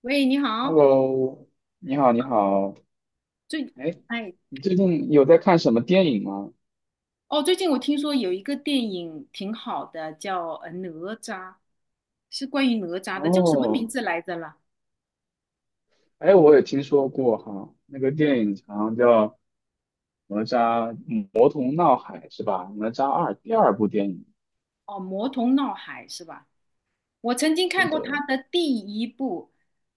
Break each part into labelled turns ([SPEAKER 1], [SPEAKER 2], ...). [SPEAKER 1] 喂，你好。
[SPEAKER 2] Hello，你好，你好。
[SPEAKER 1] 最，
[SPEAKER 2] 哎，
[SPEAKER 1] 哎。
[SPEAKER 2] 你最近有在看什么电影吗？
[SPEAKER 1] 哦，最近我听说有一个电影挺好的，叫《哪吒》，是关于哪吒的，叫什么名
[SPEAKER 2] 哦，
[SPEAKER 1] 字来着了？
[SPEAKER 2] 哎，我也听说过哈，那个电影好像叫《哪吒魔童闹海》是吧？《哪吒二》第二部电影。
[SPEAKER 1] 哦，《魔童闹海》是吧？我曾经
[SPEAKER 2] 是
[SPEAKER 1] 看过他
[SPEAKER 2] 的，
[SPEAKER 1] 的第一部，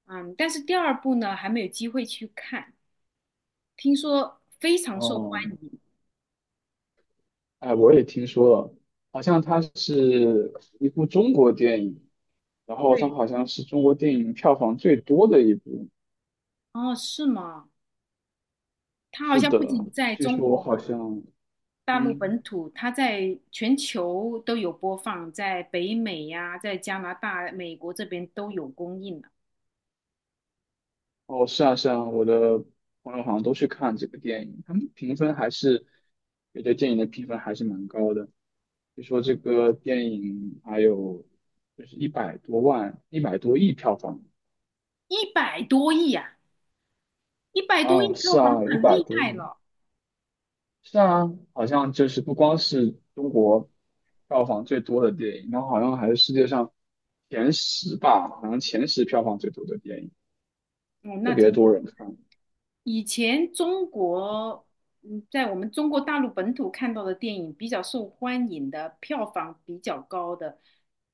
[SPEAKER 1] 嗯，但是第二部呢还没有机会去看，听说非常受欢
[SPEAKER 2] 哦，
[SPEAKER 1] 迎。
[SPEAKER 2] 哎，我也听说了，好像它是一部中国电影，然后它
[SPEAKER 1] 对。
[SPEAKER 2] 好像是中国电影票房最多的一部。
[SPEAKER 1] 哦，是吗？他好
[SPEAKER 2] 是
[SPEAKER 1] 像不
[SPEAKER 2] 的，
[SPEAKER 1] 仅在
[SPEAKER 2] 据
[SPEAKER 1] 中
[SPEAKER 2] 说好
[SPEAKER 1] 国。
[SPEAKER 2] 像，
[SPEAKER 1] 大陆
[SPEAKER 2] 嗯。
[SPEAKER 1] 本土，它在全球都有播放，在北美呀、在加拿大、美国这边都有公映了。
[SPEAKER 2] 哦，是啊，是啊，我的朋友好像都去看这个电影，他们评分还是对这电影的评分还是蛮高的，据说这个电影还有就是一百多万、一百多亿票房
[SPEAKER 1] 一百多亿啊，一百多亿
[SPEAKER 2] 啊，
[SPEAKER 1] 票
[SPEAKER 2] 是
[SPEAKER 1] 房
[SPEAKER 2] 啊，一
[SPEAKER 1] 很
[SPEAKER 2] 百
[SPEAKER 1] 厉
[SPEAKER 2] 多
[SPEAKER 1] 害
[SPEAKER 2] 亿，
[SPEAKER 1] 了。
[SPEAKER 2] 是啊，好像就是不光是中国票房最多的电影，然后好像还是世界上前十吧，好像前十票房最多的电影，
[SPEAKER 1] 哦，那
[SPEAKER 2] 特
[SPEAKER 1] 真
[SPEAKER 2] 别
[SPEAKER 1] 的
[SPEAKER 2] 多
[SPEAKER 1] 很
[SPEAKER 2] 人看。
[SPEAKER 1] 以前中国，嗯，在我们中国大陆本土看到的电影比较受欢迎的，票房比较高的，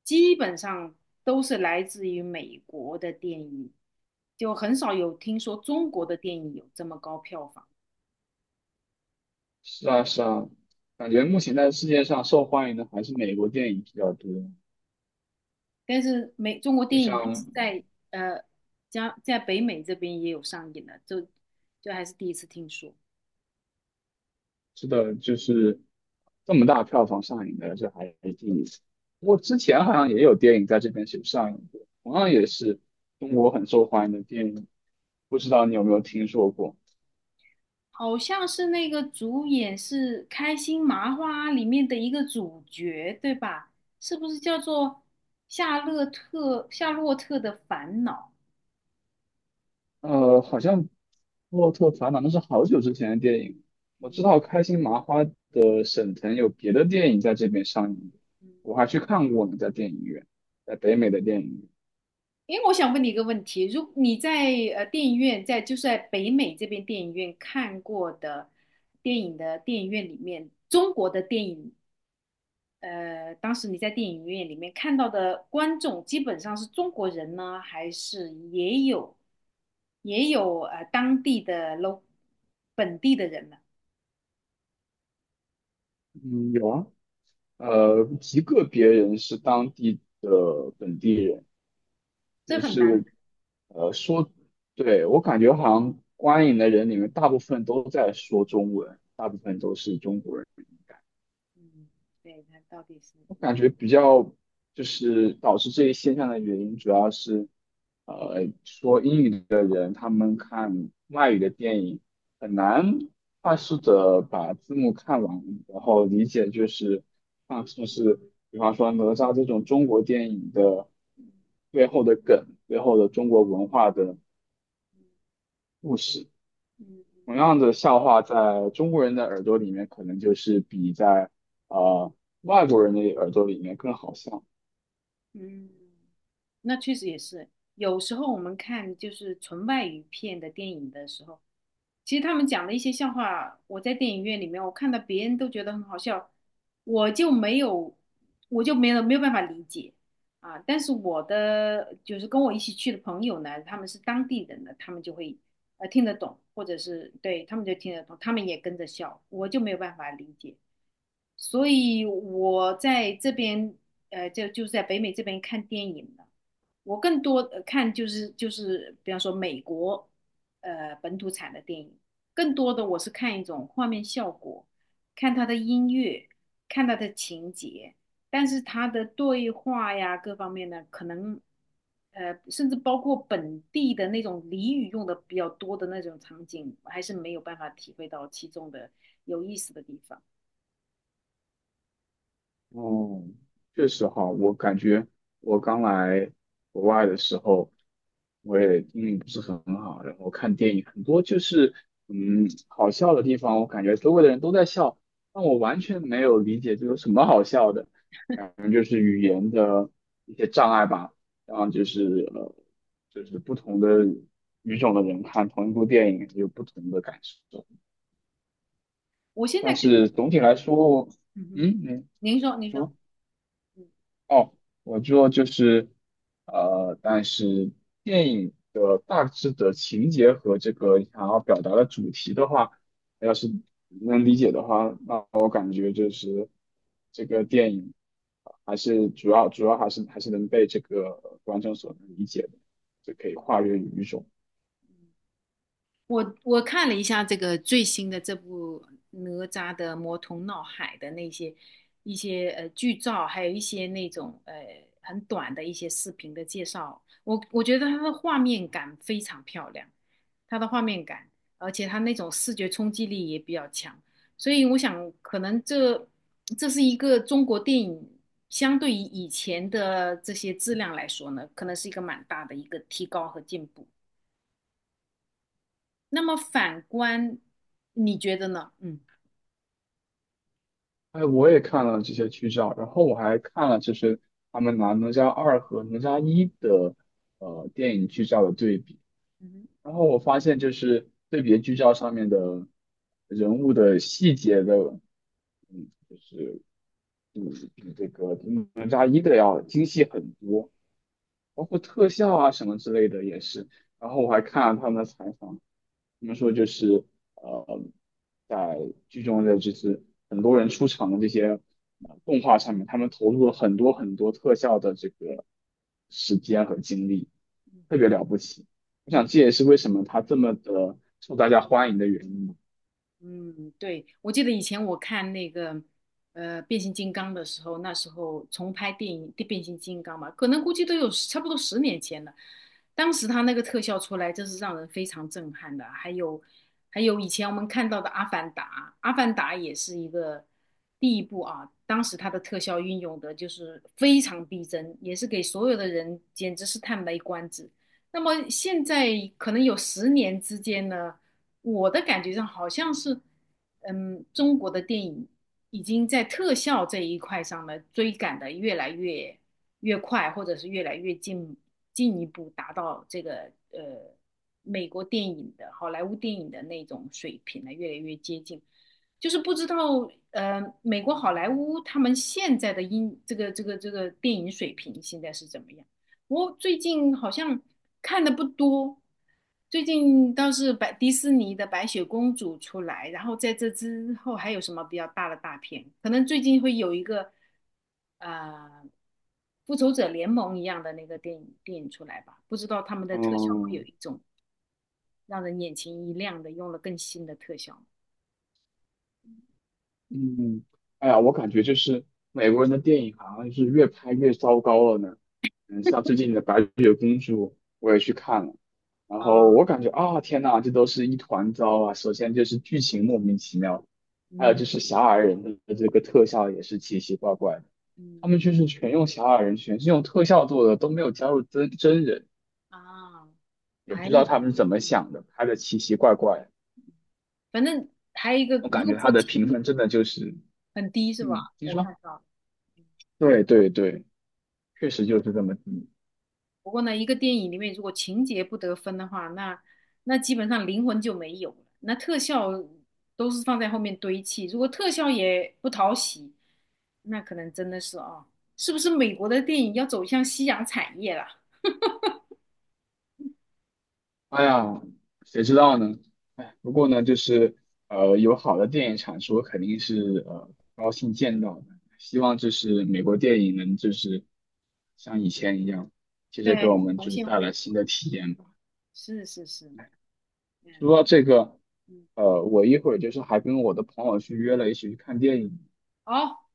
[SPEAKER 1] 基本上都是来自于美国的电影，就很少有听说中国的电影有这么高票房。
[SPEAKER 2] 是啊，是啊，感觉目前在世界上受欢迎的还是美国电影比较多。
[SPEAKER 1] 但是美中国
[SPEAKER 2] 就
[SPEAKER 1] 电影它是
[SPEAKER 2] 像
[SPEAKER 1] 在呃加在北美这边也有上映的，就还是第一次听说。
[SPEAKER 2] 是的，就是这么大票房上映的，这还是第一次。不过之前好像也有电影在这边是有上映过，同样也是中国很受欢迎的电影，不知道你有没有听说过？
[SPEAKER 1] 好像是那个主演是《开心麻花》里面的一个主角，对吧？是不是叫做夏洛特的烦恼？
[SPEAKER 2] 好像《洛特烦恼》那是好久之前的电影。我知
[SPEAKER 1] 嗯。
[SPEAKER 2] 道开心麻花的沈腾有别的电影在这边上映，
[SPEAKER 1] 嗯，
[SPEAKER 2] 我还去看过呢，在电影院，在北美的电影院。
[SPEAKER 1] 因为我想问你一个问题，如你在电影院在就是在北美这边电影院看过的电影的电影院里面，中国的电影当时你在电影院里面看到的观众基本上是中国人呢，还是也有当地的 本地的人呢？
[SPEAKER 2] 嗯，有啊。极个别人是当地的本地人，
[SPEAKER 1] 这
[SPEAKER 2] 就
[SPEAKER 1] 很难。
[SPEAKER 2] 是说，对，我感觉好像观影的人里面大部分都在说中文，大部分都是中国人。
[SPEAKER 1] 嗯，对，他到底是
[SPEAKER 2] 我感觉比较就是导致这一现象的原因，主要是，说英语的人他们看外语的电影很难快
[SPEAKER 1] 嗯
[SPEAKER 2] 速的把字幕看完，然后理解就是啊，就是比方说哪吒这种中国电影的
[SPEAKER 1] 嗯
[SPEAKER 2] 背后的梗，背后的中国文化的故事。
[SPEAKER 1] 嗯。
[SPEAKER 2] 同样的笑话，在中国人的耳朵里面，可能就是比在呃外国人的耳朵里面更好笑。
[SPEAKER 1] 嗯。嗯，那确实也是。有时候我们看就是纯外语片的电影的时候，其实他们讲的一些笑话，我在电影院里面我看到别人都觉得很好笑，我就没有，我就没有办法理解啊。但是我的就是跟我一起去的朋友呢，他们是当地人的，他们就会听得懂，或者是对他们就听得懂，他们也跟着笑，我就没有办法理解。所以我在这边，在北美这边看电影的。我更多看就是，比方说美国，本土产的电影，更多的我是看一种画面效果，看它的音乐，看它的情节，但是它的对话呀各方面呢，可能，甚至包括本地的那种俚语用的比较多的那种场景，我还是没有办法体会到其中的有意思的地方。
[SPEAKER 2] 哦，确实哈，我感觉我刚来国外的时候，我也英语不是很好，然后看电影很多就是好笑的地方，我感觉周围的人都在笑，但我完全没有理解这有什么好笑的，感觉就是语言的一些障碍吧，然后就是呃就是不同的语种的人看同一部电影有不同的感受，
[SPEAKER 1] 我现在
[SPEAKER 2] 但
[SPEAKER 1] 感
[SPEAKER 2] 是总体来说，
[SPEAKER 1] 嗯哼。
[SPEAKER 2] 嗯，
[SPEAKER 1] 您说，
[SPEAKER 2] 你
[SPEAKER 1] 您说。
[SPEAKER 2] 说。
[SPEAKER 1] 嗯。
[SPEAKER 2] 哦，我做就是，但是电影的大致的情节和这个想要表达的主题的话，要是能理解的话，那我感觉就是这个电影还是主要还是能被这个观众所能理解的，就可以跨越语种。
[SPEAKER 1] 我我看了一下这个最新的这部哪吒的魔童闹海的那些一些剧照，还有一些那种很短的一些视频的介绍，我我觉得它的画面感非常漂亮，它的画面感，而且它那种视觉冲击力也比较强，所以我想可能这是一个中国电影相对于以前的这些质量来说呢，可能是一个蛮大的一个提高和进步。那么反观，你觉得呢？嗯。
[SPEAKER 2] 哎，我也看了这些剧照，然后我还看了就是他们拿《哪吒二》和《哪吒一》的电影剧照的对比。
[SPEAKER 1] 嗯。
[SPEAKER 2] 然后我发现就是对比剧照上面的人物的细节的，嗯，就是比比这个比哪吒一的要精细很多，包括特效啊什么之类的也是。然后我还看了他们的采访，怎们说就是呃，在剧中的就是很多人出场的这些动画上面，他们投入了很多特效的这个时间和精力，特别了不起。我想
[SPEAKER 1] 嗯。
[SPEAKER 2] 这也是为什么它这么的受大家欢迎的原因吧。
[SPEAKER 1] 嗯，对，我记得以前我看那个变形金刚的时候，那时候重拍电影《变形金刚》嘛，可能估计都有差不多十年前了。当时他那个特效出来，真是让人非常震撼的。还有还有以前我们看到的《阿凡达》，《阿凡达》也是一个第一部啊，当时它的特效运用的就是非常逼真，也是给所有的人简直是叹为观止。那么现在可能有十年之间呢。我的感觉上好像是，嗯，中国的电影已经在特效这一块上呢追赶的越来越快，或者是越来越进一步达到这个美国电影的好莱坞电影的那种水平呢，越来越接近。就是不知道美国好莱坞他们现在的音这个电影水平现在是怎么样？我最近好像看的不多，最近倒是白迪士尼的《白雪公主》出来，然后在这之后还有什么比较大的大片？可能最近会有一个呃《复仇者联盟》一样的那个电影出来吧？不知道他们的特效会有
[SPEAKER 2] 嗯，
[SPEAKER 1] 一种让人眼前一亮的，用了更新的特效
[SPEAKER 2] 嗯，哎呀，我感觉就是美国人的电影好像是越拍越糟糕了呢。嗯，像最近的《白雪公主》，我也去看了，然后
[SPEAKER 1] 啊。
[SPEAKER 2] 我感觉啊，天呐，这都是一团糟啊！首先就是剧情莫名其妙，还有
[SPEAKER 1] 嗯。
[SPEAKER 2] 就是小矮人的这个特效也是奇奇怪怪的，他
[SPEAKER 1] 嗯。
[SPEAKER 2] 们就是全用小矮人，全是用特效做的，都没有加入真人，
[SPEAKER 1] 啊，
[SPEAKER 2] 也不
[SPEAKER 1] 哎
[SPEAKER 2] 知道
[SPEAKER 1] 呀，
[SPEAKER 2] 他们是怎么想的，拍的奇奇怪怪。
[SPEAKER 1] 反正还有一个，
[SPEAKER 2] 我
[SPEAKER 1] 如
[SPEAKER 2] 感
[SPEAKER 1] 果
[SPEAKER 2] 觉
[SPEAKER 1] 说
[SPEAKER 2] 他的评
[SPEAKER 1] 情
[SPEAKER 2] 分真的就是，
[SPEAKER 1] 很低是吧？
[SPEAKER 2] 嗯，你
[SPEAKER 1] 我
[SPEAKER 2] 说？
[SPEAKER 1] 看到了。
[SPEAKER 2] 对对对。确实就是这么低。
[SPEAKER 1] 不过呢，一个电影里面如果情节不得分的话，那那基本上灵魂就没有了。那特效都是放在后面堆砌，如果特效也不讨喜，那可能真的是啊，是不是美国的电影要走向夕阳产业了？
[SPEAKER 2] 哎呀，谁知道呢？哎，不过呢，就是有好的电影产出，肯定是高兴见到的。希望就是美国电影能就是像以前一样，接着给我
[SPEAKER 1] 对，
[SPEAKER 2] 们
[SPEAKER 1] 重
[SPEAKER 2] 就是
[SPEAKER 1] 现
[SPEAKER 2] 带
[SPEAKER 1] 辉
[SPEAKER 2] 来新的体验吧。
[SPEAKER 1] 是是是。嗯。
[SPEAKER 2] 说到这个，
[SPEAKER 1] 嗯，
[SPEAKER 2] 我一会儿就是还跟我的朋友去约了一起去看电影。
[SPEAKER 1] 好，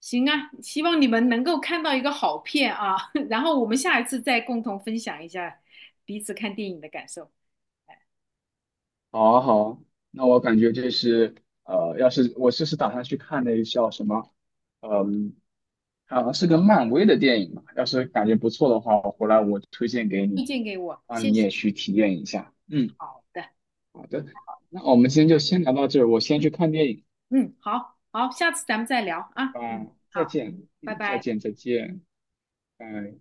[SPEAKER 1] 行啊，希望你们能够看到一个好片啊，然后我们下一次再共同分享一下彼此看电影的感受。
[SPEAKER 2] 好啊好啊，那我感觉就是，要是我就是打算去看那个叫什么，嗯，好像是个漫威的电影嘛，要是感觉不错的话，我回来我推荐给你，
[SPEAKER 1] 推荐给我，
[SPEAKER 2] 让
[SPEAKER 1] 谢
[SPEAKER 2] 你
[SPEAKER 1] 谢
[SPEAKER 2] 也去
[SPEAKER 1] 你。
[SPEAKER 2] 体验一下。嗯，
[SPEAKER 1] 好的。
[SPEAKER 2] 好的，那我们今天就先聊到这儿，我先去看电影，
[SPEAKER 1] 嗯，好好，下次咱们再聊啊。
[SPEAKER 2] 吧，
[SPEAKER 1] 嗯，
[SPEAKER 2] 再
[SPEAKER 1] 好，
[SPEAKER 2] 见，
[SPEAKER 1] 拜
[SPEAKER 2] 嗯，再
[SPEAKER 1] 拜。
[SPEAKER 2] 见，再见，拜。